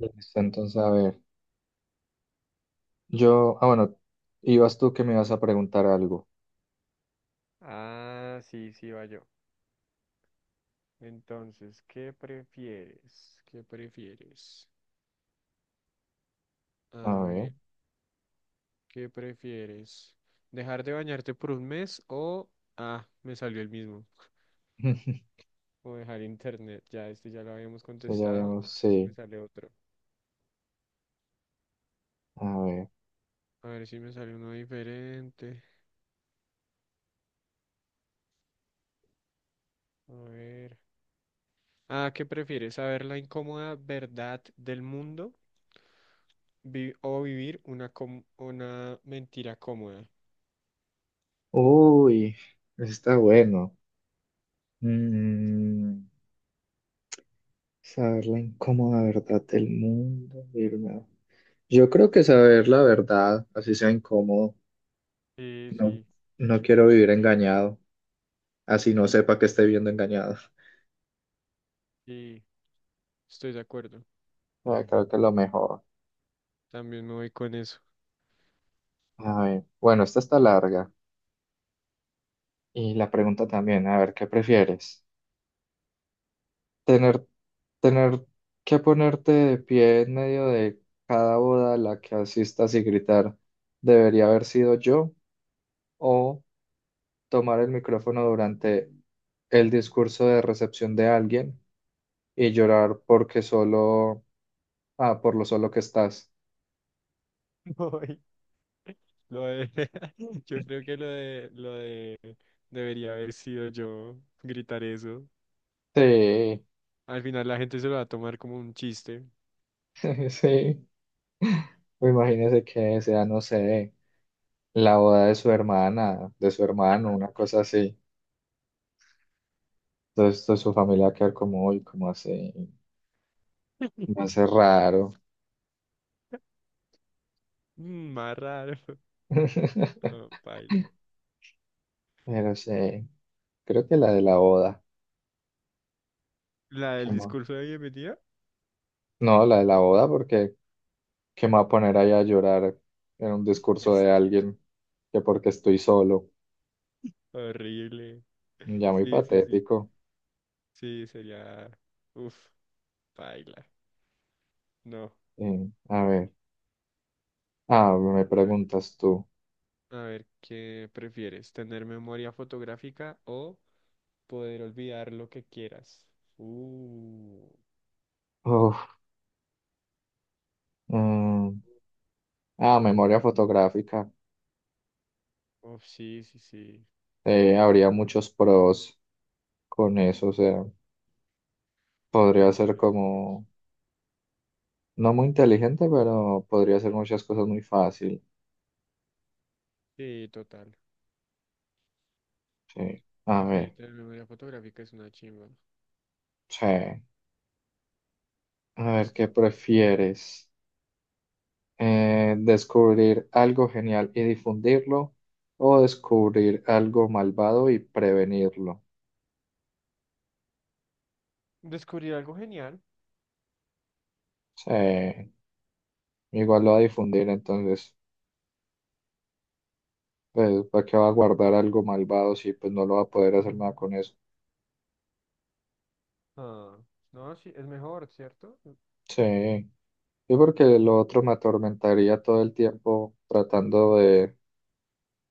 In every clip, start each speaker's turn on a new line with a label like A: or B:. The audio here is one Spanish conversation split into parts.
A: Listo, entonces, a ver, yo, bueno, ibas tú que me ibas a preguntar algo.
B: Ah, sí, sí, va yo. Entonces, ¿qué prefieres? ¿Qué prefieres?
A: A
B: A
A: ver,
B: ver, ¿qué prefieres? ¿Dejar de bañarte por un mes o... Ah, me salió el mismo. O dejar internet. Ya, este ya lo habíamos
A: eso ya
B: contestado. A
A: habíamos,
B: ver si me
A: sí,
B: sale otro.
A: a ver.
B: A ver si me sale uno diferente. A ver. Ah, ¿qué prefieres? ¿Saber la incómoda verdad del mundo o vivir una, una mentira cómoda?
A: Uy, eso está bueno. Mm, saber la incómoda verdad del mundo. Yo creo que saber la verdad, así sea incómodo,
B: Sí,
A: no,
B: sí,
A: no quiero vivir engañado, así no
B: sí,
A: sepa que esté viendo engañado.
B: sí. Estoy de acuerdo.
A: Ah, creo que es lo mejor.
B: También me voy con eso.
A: A ver, bueno, esta está larga. Y la pregunta también, a ver, ¿qué prefieres? Tener, tener que ponerte de pie en medio de cada boda a la que asistas y gritar, debería haber sido yo, o tomar el micrófono durante el discurso de recepción de alguien y llorar porque solo, por lo solo que estás.
B: Voy. Lo de, yo creo que lo de debería haber sido yo gritar eso.
A: Sí,
B: Al final la gente se lo va a tomar como un chiste.
A: sí. O imagínese que sea, no sé, la boda de su hermana, de su hermano, una cosa así. Entonces, toda su familia va a quedar como, uy, como así, me hace raro.
B: Mm, más raro. Oh, paila.
A: Pero sí, creo que la de la boda.
B: La del
A: ¿Qué más?
B: discurso de bienvenida.
A: No, la de la boda, porque ¿qué me va a poner ahí a llorar en un discurso
B: es
A: de alguien que porque estoy solo?
B: horrible.
A: Ya muy
B: Sí, sí, sí.
A: patético.
B: Sí, sería. Uf, paila. No.
A: A ver, ah, me
B: A ver.
A: preguntas tú.
B: A ver, ¿qué prefieres? ¿Tener memoria fotográfica o poder olvidar lo que quieras? Uh.
A: Uf, mm, ah, memoria fotográfica.
B: Uf, sí, sí, sí.
A: Habría muchos pros con eso, o sea, podría ser
B: Demasiados pros.
A: como, no muy inteligente, pero podría hacer muchas cosas muy fácil.
B: Sí, total.
A: Sí, a
B: Sí,
A: ver.
B: que la memoria fotográfica es una chimba.
A: Sí. A ver, ¿qué
B: Listo.
A: prefieres? ¿Descubrir algo genial y difundirlo o descubrir algo malvado y prevenirlo?
B: Descubrí algo genial.
A: Sí. Igual lo va a difundir, entonces, pues, ¿para qué va a guardar algo malvado si pues no lo va a poder hacer nada con eso?
B: Ah, no, sí, es mejor, ¿cierto?
A: Sí. Sí, porque lo otro me atormentaría todo el tiempo tratando de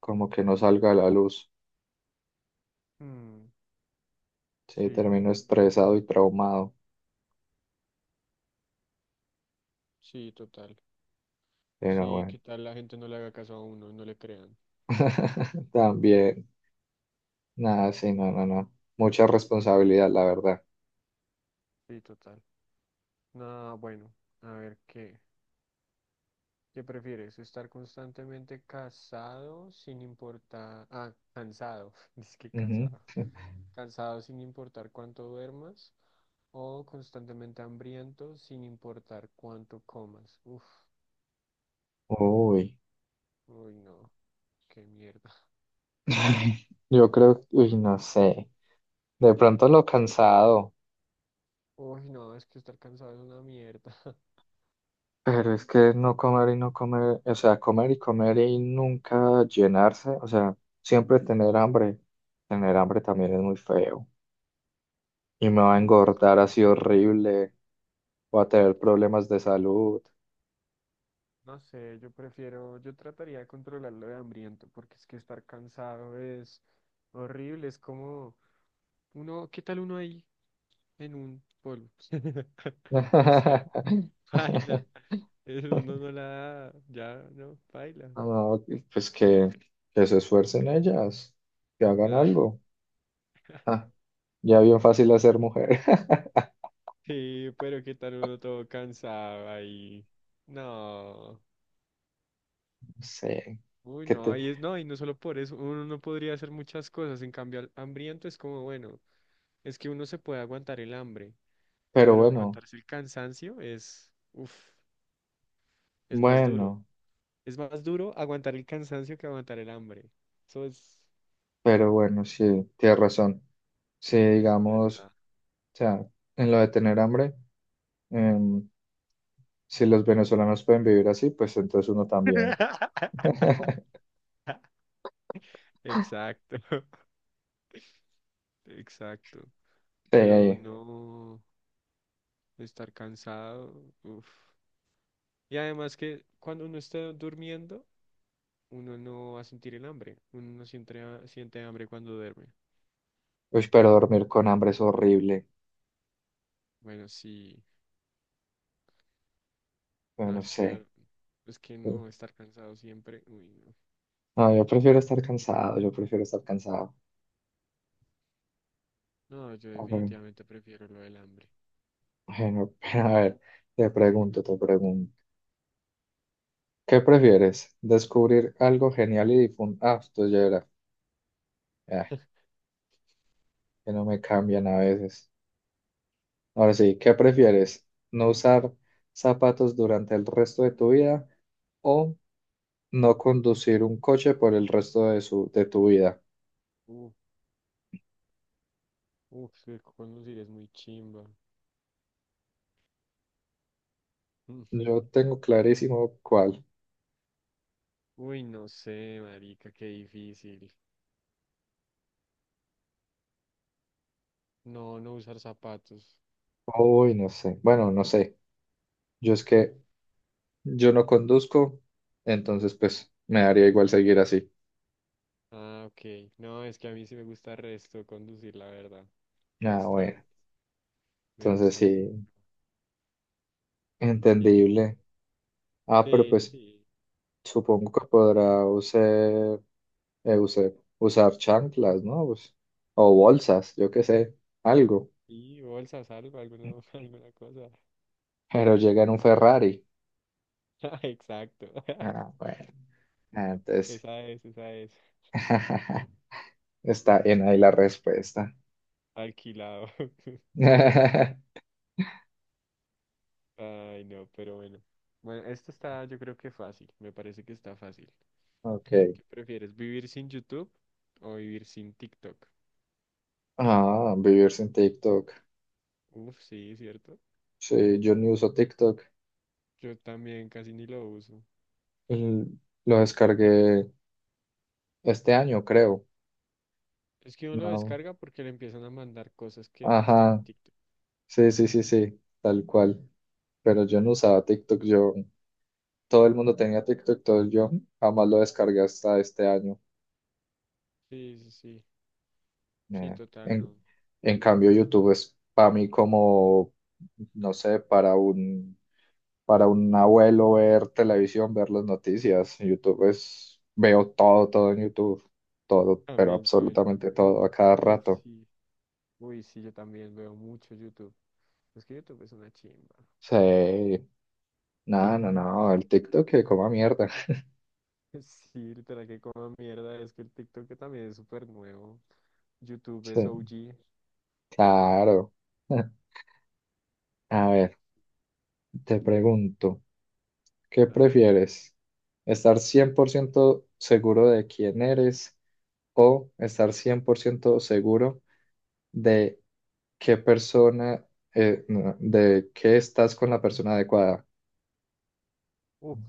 A: como que no salga a la luz.
B: Mm,
A: Sí,
B: sí,
A: termino estresado y traumado,
B: sí, total.
A: pero
B: Sí,
A: bueno,
B: ¿qué tal la gente no le haga caso a uno, no le crean?
A: también. Nada, sí, no, no, no. Mucha responsabilidad, la verdad.
B: Sí, total. No, bueno, a ver qué. ¿Qué prefieres? ¿Estar constantemente casado sin importar... Ah, cansado. Dice que
A: Ujú.
B: casado. Cansado sin importar cuánto duermas o constantemente hambriento sin importar cuánto comas. Uf,
A: Uy.
B: uy no, qué mierda.
A: Yo creo, uy, no sé. De pronto lo cansado,
B: Uy no, es que estar cansado es una mierda.
A: pero es que no comer y no comer, o sea, comer y comer y nunca llenarse, o sea, siempre tener hambre. Tener hambre también es muy feo. Y me va a
B: Uf,
A: engordar
B: sí.
A: así horrible, voy a tener problemas de salud.
B: No sé, yo prefiero, yo trataría de controlar lo de hambriento porque es que estar cansado es horrible, es como uno, ¿qué tal uno ahí? En un polvo. O sea, baila. Uno no la da, ya no, baila.
A: No, pues que se esfuercen ellas, que hagan
B: Ah,
A: algo. Ah, ya bien fácil hacer mujer.
B: sí, pero qué tal uno todo cansado ahí. No.
A: No sé,
B: Uy,
A: que te...
B: no, y es, no, y no solo por eso, uno no podría hacer muchas cosas. En cambio, al hambriento es como, bueno, es que uno se puede aguantar el hambre,
A: Pero
B: pero
A: bueno,
B: aguantarse el cansancio es, uff, es más duro.
A: bueno,
B: Es más duro aguantar el cansancio que aguantar el hambre. Eso es,
A: pero bueno, sí, tienes razón. Si
B: eso es
A: digamos,
B: verdad.
A: o sea, en lo de tener hambre, em, si los venezolanos pueden vivir así, pues entonces uno también.
B: Exacto. Exacto, pero
A: Sí,
B: no estar cansado, uf. Y además que cuando uno esté durmiendo, uno no va a sentir el hambre, uno no siente, siente hambre cuando duerme.
A: uy, pero dormir con hambre es horrible.
B: Bueno, sí,
A: Yo
B: no,
A: no sé.
B: es que no estar cansado siempre, uy, no.
A: No, yo prefiero estar cansado, yo prefiero estar cansado.
B: No, yo
A: A ver,
B: definitivamente prefiero lo del hambre.
A: bueno, a ver, te pregunto, te pregunto. ¿Qué prefieres? ¿Descubrir algo genial y difundir? Ah, esto ya era. Ah, que no me cambian a veces. Ahora sí, ¿qué prefieres? ¿No usar zapatos durante el resto de tu vida o no conducir un coche por el resto de tu vida?
B: Uh, uf, es que conducir es muy chimba. Mm.
A: Yo tengo clarísimo cuál.
B: Uy, no sé, marica, qué difícil. No, no usar zapatos.
A: Uy, no sé. Bueno, no sé. Yo es que yo no conduzco, entonces pues me daría igual seguir así.
B: Ah, ok. No, es que a mí sí me gusta el resto conducir, la verdad.
A: Ah, bueno.
B: Bastante. Me
A: Entonces
B: gusta mucho.
A: sí,
B: Sí,
A: entendible. Ah, pero
B: sí,
A: pues...
B: sí.
A: Supongo que podrá eh, usar, usar chanclas, ¿no? Pues, o bolsas, yo qué sé, algo.
B: Y bolsas, algo, alguna, alguna cosa.
A: Pero llega en un Ferrari.
B: Ah, exacto.
A: Ah, bueno, ah, entonces
B: Esa es, esa es.
A: está en ahí la respuesta.
B: Alquilado. Ay, no, pero bueno. Bueno, esto está, yo creo que fácil. Me parece que está fácil.
A: Ok.
B: ¿Qué prefieres, vivir sin YouTube o vivir sin TikTok?
A: Ah, vivir sin TikTok.
B: Uf, sí, cierto.
A: Sí, yo ni uso TikTok.
B: Yo también casi ni lo uso.
A: L- Lo descargué este año, creo.
B: Es que uno lo
A: No.
B: descarga porque le empiezan a mandar cosas que están en
A: Ajá.
B: TikTok.
A: Sí, sí, sí, sí, tal cual. Pero yo no usaba TikTok, yo. Todo el mundo tenía TikTok, yo jamás lo descargué hasta este año.
B: Sí, sí, sí. Sí,
A: Eh,
B: total,
A: en,
B: no.
A: en cambio, YouTube es para mí como, no sé, para un abuelo ver televisión, ver las noticias. YouTube es, veo todo, todo en YouTube, todo, pero
B: También soy.
A: absolutamente todo a cada
B: Uf,
A: rato.
B: sí. Uy, sí, yo también veo mucho YouTube. Es que YouTube es una chimba.
A: Sí, no, no, no, el TikTok que coma mierda.
B: Sí, literal, que como mierda. Es que el TikTok que también es súper nuevo. YouTube es
A: Sí,
B: OG.
A: claro. A ver, te pregunto. ¿Qué
B: Dale.
A: prefieres? ¿Estar 100% seguro de quién eres o estar 100% seguro de qué persona, no, de que estás con la persona adecuada?
B: Uf,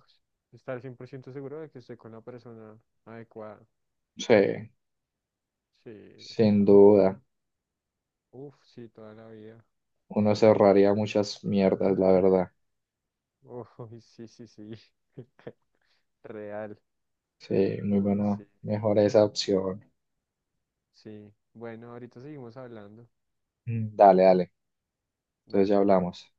B: estar 100% seguro de que estoy con la persona adecuada.
A: Sí,
B: Sí.
A: sin duda.
B: Uf, sí, toda la vida.
A: Uno se ahorraría muchas mierdas, la verdad.
B: Uy, sí, sí, sí. Real.
A: Sí, muy
B: Uy,
A: bueno.
B: sí.
A: Mejor esa opción.
B: Sí, bueno, ahorita seguimos hablando.
A: Mm, dale, dale. Entonces ya
B: Dale.
A: hablamos.